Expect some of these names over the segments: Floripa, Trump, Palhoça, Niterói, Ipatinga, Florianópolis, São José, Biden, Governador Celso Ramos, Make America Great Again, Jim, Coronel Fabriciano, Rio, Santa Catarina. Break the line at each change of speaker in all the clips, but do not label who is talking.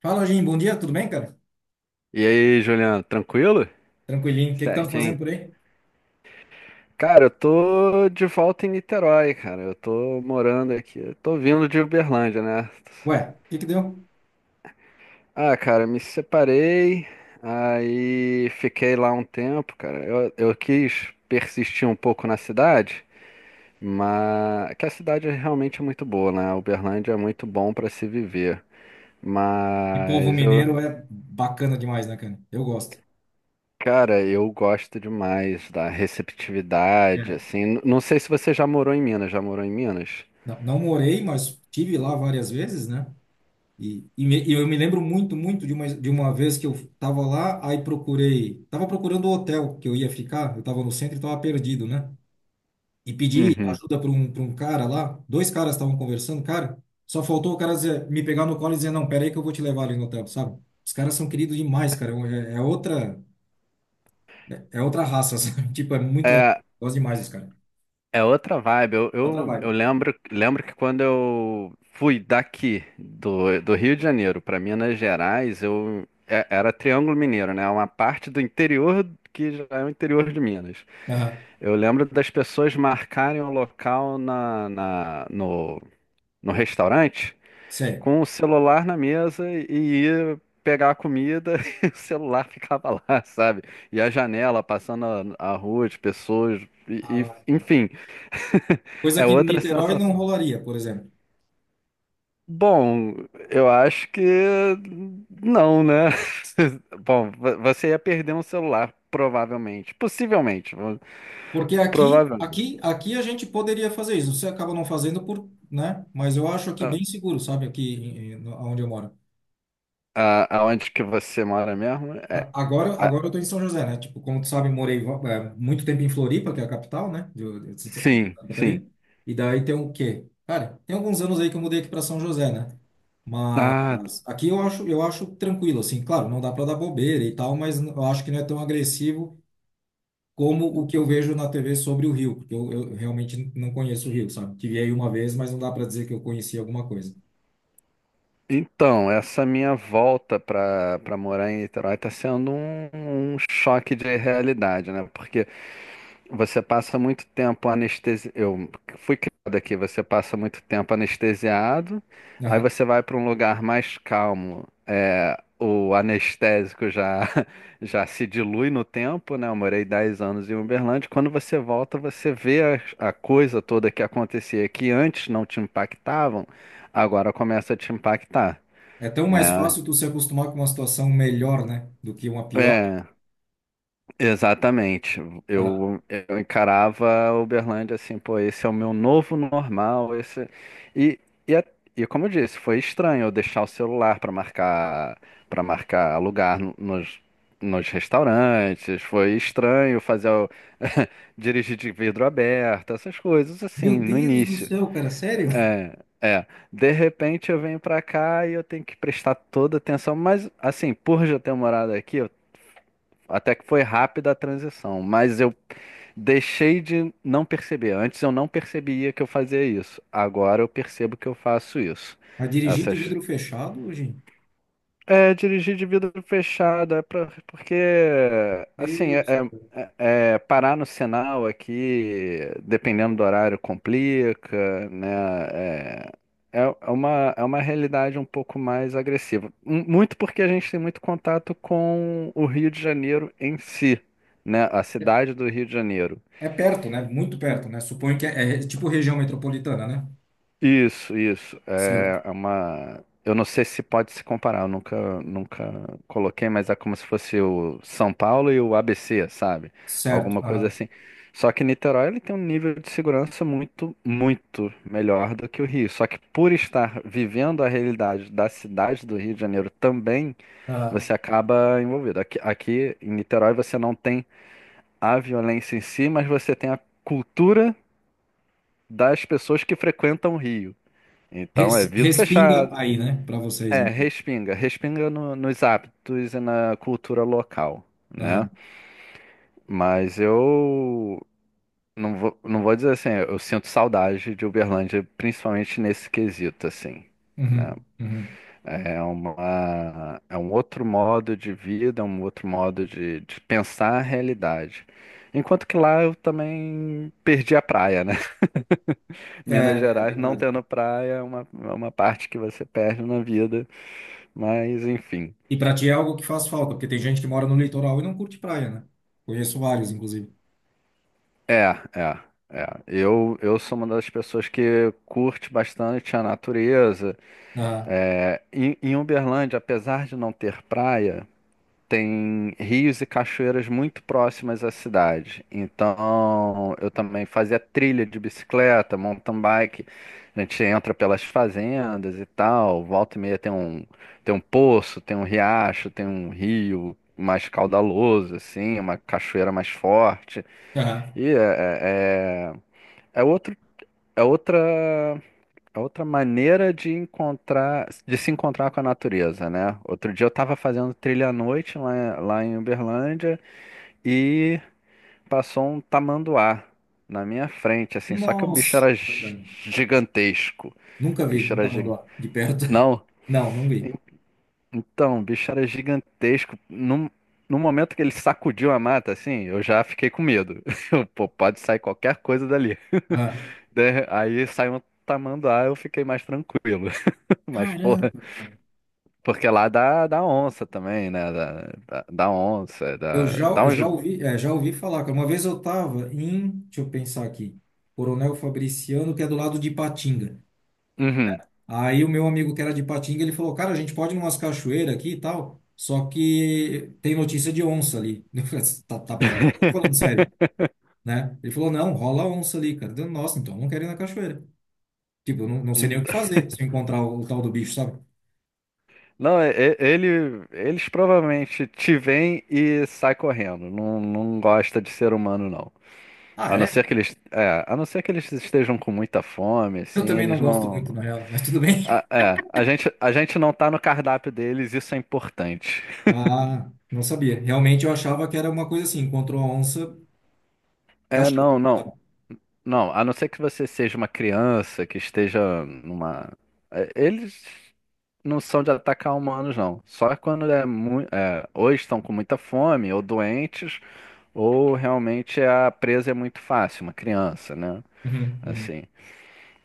Fala, Jim. Bom dia, tudo bem, cara?
E aí, Juliano, tranquilo?
Tranquilinho. O que tá fazendo
Certinho.
por aí?
Cara, eu tô de volta em Niterói, cara. Eu tô morando aqui. Eu tô vindo de Uberlândia, né?
Ué, o que deu?
Ah, cara, me separei, aí fiquei lá um tempo, cara. Eu quis persistir um pouco na cidade, mas que a cidade é realmente muito boa, né? Uberlândia é muito bom pra se viver.
E povo
Mas eu
mineiro é bacana demais, né, cara? Eu gosto.
cara, eu gosto demais da receptividade,
É.
assim. Não sei se você já morou em Minas, já morou em Minas?
Não, não morei, mas tive lá várias vezes, né? E eu me lembro muito de uma vez que eu tava lá, tava procurando o hotel que eu ia ficar, eu tava no centro e tava perdido, né? E pedi
Uhum.
ajuda para um cara lá. Dois caras estavam conversando, cara. Só faltou o cara me pegar no colo e dizer: "Não, pera aí que eu vou te levar ali no hotel", sabe? Os caras são queridos demais, cara. É, é outra, é outra raça, sabe? Tipo, é muito legal.
É,
Gosto demais dos caras.
é outra vibe. Eu,
É outra
eu,
vibe.
eu lembro, lembro que quando eu fui daqui, do do Rio de Janeiro para Minas Gerais, eu era Triângulo Mineiro, né? Uma parte do interior que já é o interior de Minas.
Aham.
Eu lembro das pessoas marcarem o local no no restaurante
Sério.
com o celular na mesa e ia pegar a comida e o celular ficava lá, sabe? E a janela passando a a rua de pessoas,
Ah,
enfim,
coisa
é
que em
outra
Niterói não
sensação.
rolaria, por exemplo.
Bom, eu acho que não, né? Bom, você ia perder um celular, provavelmente.
Porque
Provavelmente.
aqui a gente poderia fazer isso. Você acaba não fazendo por, né? Mas eu acho aqui
A-
bem seguro, sabe? Aqui, onde eu moro.
Aonde que você mora mesmo? É, a-
Agora eu tô em São José, né? Tipo, como tu sabe, morei muito tempo em Floripa, que é a capital, né? De Santa
sim, sim.
Catarina. E daí tem o quê? Cara, tem alguns anos aí que eu mudei aqui para São José, né?
Ah,
Mas aqui eu acho tranquilo, assim. Claro, não dá para dar bobeira e tal, mas eu acho que não é tão agressivo como o que eu vejo na TV sobre o Rio, porque eu realmente não conheço o Rio, sabe? Tive aí uma vez, mas não dá para dizer que eu conheci alguma coisa.
então, essa minha volta para para morar em Niterói está sendo um choque de realidade, né? Porque você passa muito tempo anestesiado. Eu fui criado aqui, você passa muito tempo anestesiado, aí
Aham.
você vai para um lugar mais calmo. É, o anestésico já, já se dilui no tempo, né? Eu morei 10 anos em Uberlândia. Quando você volta, você vê a a, coisa toda que acontecia que antes não te impactavam, agora começa a te impactar
É tão mais
né?
fácil tu se acostumar com uma situação melhor, né? Do que uma pior.
É, exatamente. Eu, eu encarava a Uberlândia assim, pô, esse é o meu novo normal, esse e, e, a- e como eu disse, foi estranho eu deixar o celular para marcar lugar nos nos restaurantes, foi estranho fazer dirigir de vidro aberto, essas coisas
Meu
assim, no
Deus do
início.
céu, cara, sério?
É, é. De repente eu venho pra cá e eu tenho que prestar toda atenção, mas assim, por já ter morado aqui, até que foi rápida a transição, mas eu deixei de não perceber. Antes eu não percebia que eu fazia isso. Agora eu percebo que eu faço isso.
Mas dirigindo de
Essas
vidro fechado, hoje,
é, dirigir de vidro fechado, porque, assim,
Deus.
é parar no sinal aqui, dependendo do horário, complica, né? É, é uma, é uma realidade um pouco mais agressiva. Muito porque a gente tem muito contato com o Rio de Janeiro em si, né? A
É
cidade do Rio de Janeiro.
é perto, né? Muito perto, né? Suponho que é, é tipo região metropolitana, né?
Isso.
Certo.
É uma. Eu não sei se pode se comparar, eu nunca, nunca coloquei, mas é como se fosse o São Paulo e o ABC, sabe?
Certo.
Alguma coisa
Aham.
assim. Só que Niterói ele tem um nível de segurança muito melhor do que o Rio. Só que por estar vivendo a realidade da cidade do Rio de Janeiro também,
Aham.
você acaba envolvido. Aqui em Niterói você não tem a violência em si, mas você tem a cultura das pessoas que frequentam o Rio. Então é
Res-
vidro
respinga
fechado.
aí, né? Para vocês,
É,
então.
respinga. Respinga nos hábitos e na cultura local, né?
Aham.
Mas eu não vou dizer assim, eu sinto saudade de Uberlândia, principalmente nesse quesito, assim, né?
Uhum. Uhum.
É um outro modo de vida, é um outro modo de pensar a realidade. Enquanto que lá eu também perdi a praia, né?
É,
Minas
é
Gerais não
verdade.
tendo praia é uma parte que você perde na vida, mas enfim.
E para ti é algo que faz falta, porque tem gente que mora no litoral e não curte praia, né? Conheço vários, inclusive.
É, é, é. Eu sou uma das pessoas que curte bastante a natureza.
Aham.
É, em Uberlândia, apesar de não ter praia, tem rios e cachoeiras muito próximas à cidade. Então, eu também fazia trilha de bicicleta, mountain bike. A gente entra pelas fazendas e tal. Volta e meia tem um poço, tem um riacho, tem um rio mais caudaloso, assim, uma cachoeira mais forte.
Aham.
E é, é- é é outro, é outra, é outra maneira de encontrar, de se encontrar com a natureza, né? Outro dia eu estava fazendo trilha à noite lá em Uberlândia e passou um tamanduá na minha frente, assim, só que o bicho
Nossa,
era
cara.
gigantesco.
Nunca
O
vi
bicho
um
era gi-
tamanduá de perto.
Não,
Não, não vi.
o bicho era gigantesco. No momento que ele sacudiu a mata, assim, eu já fiquei com medo. Eu, pô, pode sair qualquer coisa dali. Aí saiu um tamanduá, eu fiquei mais tranquilo. Mas, porra,
Caramba, cara.
porque lá dá onça também, né? Dá onça, dá
Eu
uns.
já ouvi, já ouvi falar, cara. Uma vez eu tava em, deixa eu pensar aqui, Coronel Fabriciano, que é do lado de Ipatinga.
Uhum.
Aí o meu amigo que era de Ipatinga, ele falou, cara, a gente pode ir numas cachoeiras aqui e tal, só que tem notícia de onça ali. Eu falei, "Você tá brincando? Tô falando sério, né?" Ele falou, não, rola onça ali, cara. Eu, nossa, então eu não quero ir na cachoeira. Tipo, eu não, não sei
E-
nem o que fazer se eu encontrar o tal do bicho, sabe?
Não, ele, eles provavelmente te veem e sai correndo. Não, não gosta de ser humano, não.
Ah,
A não
é?
ser que eles estejam com muita fome,
Eu
assim,
também não
eles
gosto muito,
não.
na real, mas tudo bem.
A gente não tá no cardápio deles, isso é importante.
Ah, não sabia. Realmente eu achava que era uma coisa assim, encontrou a onça, caixão.
Não.
Sabe?
Não, a não ser que você seja uma criança que esteja numa. Eles não são de atacar humanos, não. Só quando é muito. É, ou estão com muita fome, ou doentes, ou realmente a presa é muito fácil, uma criança, né?
Uhum.
Assim.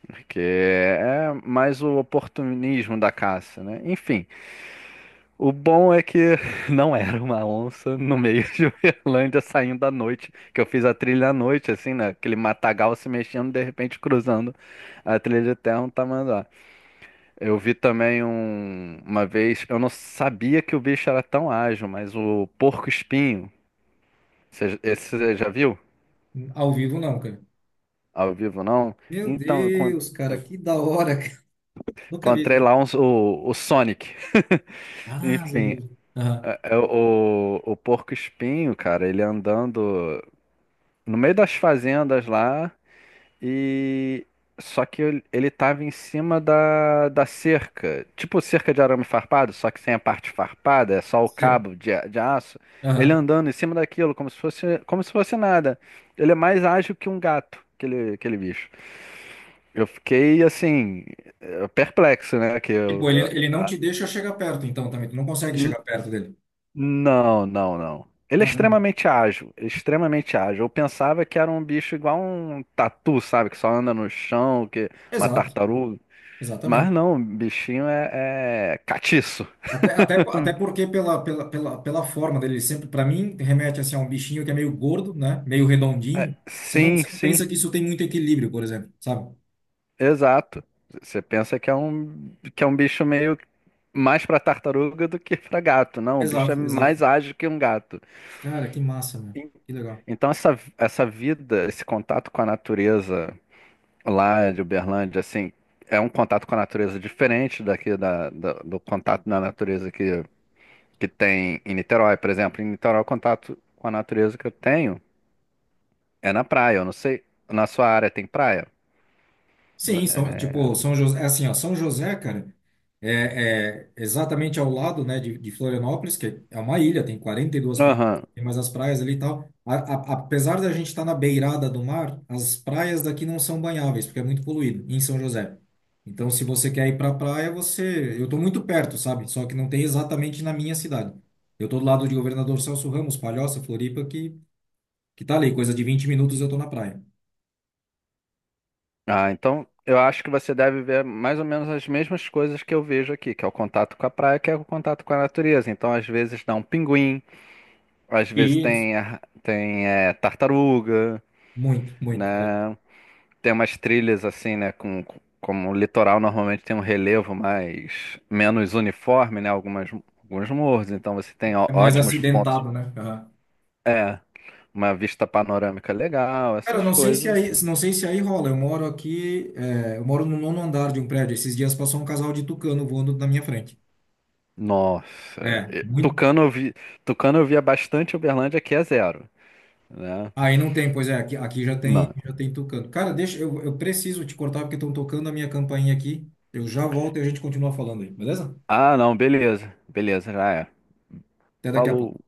Porque é mais o oportunismo da caça, né? Enfim. O bom é que não era uma onça no meio de Uberlândia saindo à noite, que eu fiz a trilha à noite, assim, né? Aquele matagal se mexendo, de repente cruzando a trilha de terra um tamanduá. Eu vi também um, uma vez, eu não sabia que o bicho era tão ágil, mas o porco-espinho, esse você já viu?
Ao vivo não, cara.
Ao vivo, não?
Meu
Então, eu encon-
Deus, cara,
eu
que da hora, cara. Nunca vi esse
encontrei
vídeo.
lá o Sonic.
Ah, ao
Enfim,
vivo. Aham,
o porco-espinho, cara, ele andando no meio das fazendas lá e só que ele tava em cima da cerca, tipo cerca de arame farpado, só que sem a parte farpada, é só o
sei.
cabo de aço. Ele
Aham.
andando em cima daquilo como se fosse nada. Ele é mais ágil que um gato, aquele bicho. Eu fiquei assim perplexo, né? Que
Tipo,
eu,
ele não te deixa chegar perto, então, também. Tu não consegue chegar perto dele.
não, não. Ele é
Caramba.
extremamente ágil, extremamente ágil. Eu pensava que era um bicho igual um tatu, sabe? Que só anda no chão, que uma
Exato,
tartaruga. Mas
exatamente.
não, o bichinho é catiço.
Até porque pela forma dele, sempre, para mim, remete assim, a um bichinho que é meio gordo, né? Meio redondinho.
Sim,
Você não
sim,
pensa que isso tem muito equilíbrio, por exemplo, sabe?
exato. Você pensa que é um bicho meio mais para tartaruga do que para gato. Não, o bicho é
Exato, exato.
mais ágil que um gato.
Cara, que massa, meu. Que legal.
Então essa vida, esse contato com a natureza lá de Uberlândia, assim, é um contato com a natureza diferente daqui do contato na natureza que tem em Niterói, por exemplo. Em Niterói, o contato com a natureza que eu tenho é na praia. Eu não sei, na sua área tem praia? N-
Sim, são, tipo, São José, é assim, ó, São José, cara, é exatamente ao lado, né, de Florianópolis, que é uma ilha, tem 42 praias,
Aham.
tem mais as praias ali e tal. Apesar da gente estar na beirada do mar, as praias daqui não são banháveis, porque é muito poluído, em São José. Então, se você quer ir pra praia, você... Eu tô muito perto, sabe? Só que não tem exatamente na minha cidade. Eu tô do lado de Governador Celso Ramos, Palhoça, Floripa, que tá ali, coisa de 20 minutos eu tô na praia.
Ah, então eu acho que você deve ver mais ou menos as mesmas coisas que eu vejo aqui, que é o contato com a praia, que é o contato com a natureza. Então, às vezes dá um pinguim, às vezes
Isso,
tem, tem tartaruga,
muito, muito. É,
né? Tem umas trilhas assim, né? Como o litoral normalmente tem um relevo mais menos uniforme, né? Alguns morros, então você tem
é mais
ótimos pontos.
acidentado, né? Aham.
É, uma vista panorâmica legal,
Cara,
essas
não sei se
coisas
aí,
assim.
não sei se aí rola. Eu moro aqui, é, eu moro no nono andar de um prédio. Esses dias passou um casal de tucano voando na minha frente.
Nossa,
É, muito.
tucano eu vi, tucano eu via bastante Uberlândia, aqui é zero, né?
Aí não tem, pois é, aqui, aqui
Não.
já tem tucano. Cara, deixa, eu preciso te cortar porque estão tocando a minha campainha aqui. Eu já volto e a gente continua falando aí, beleza?
Ah, não, beleza, já é.
Até daqui a
Falou.
pouco.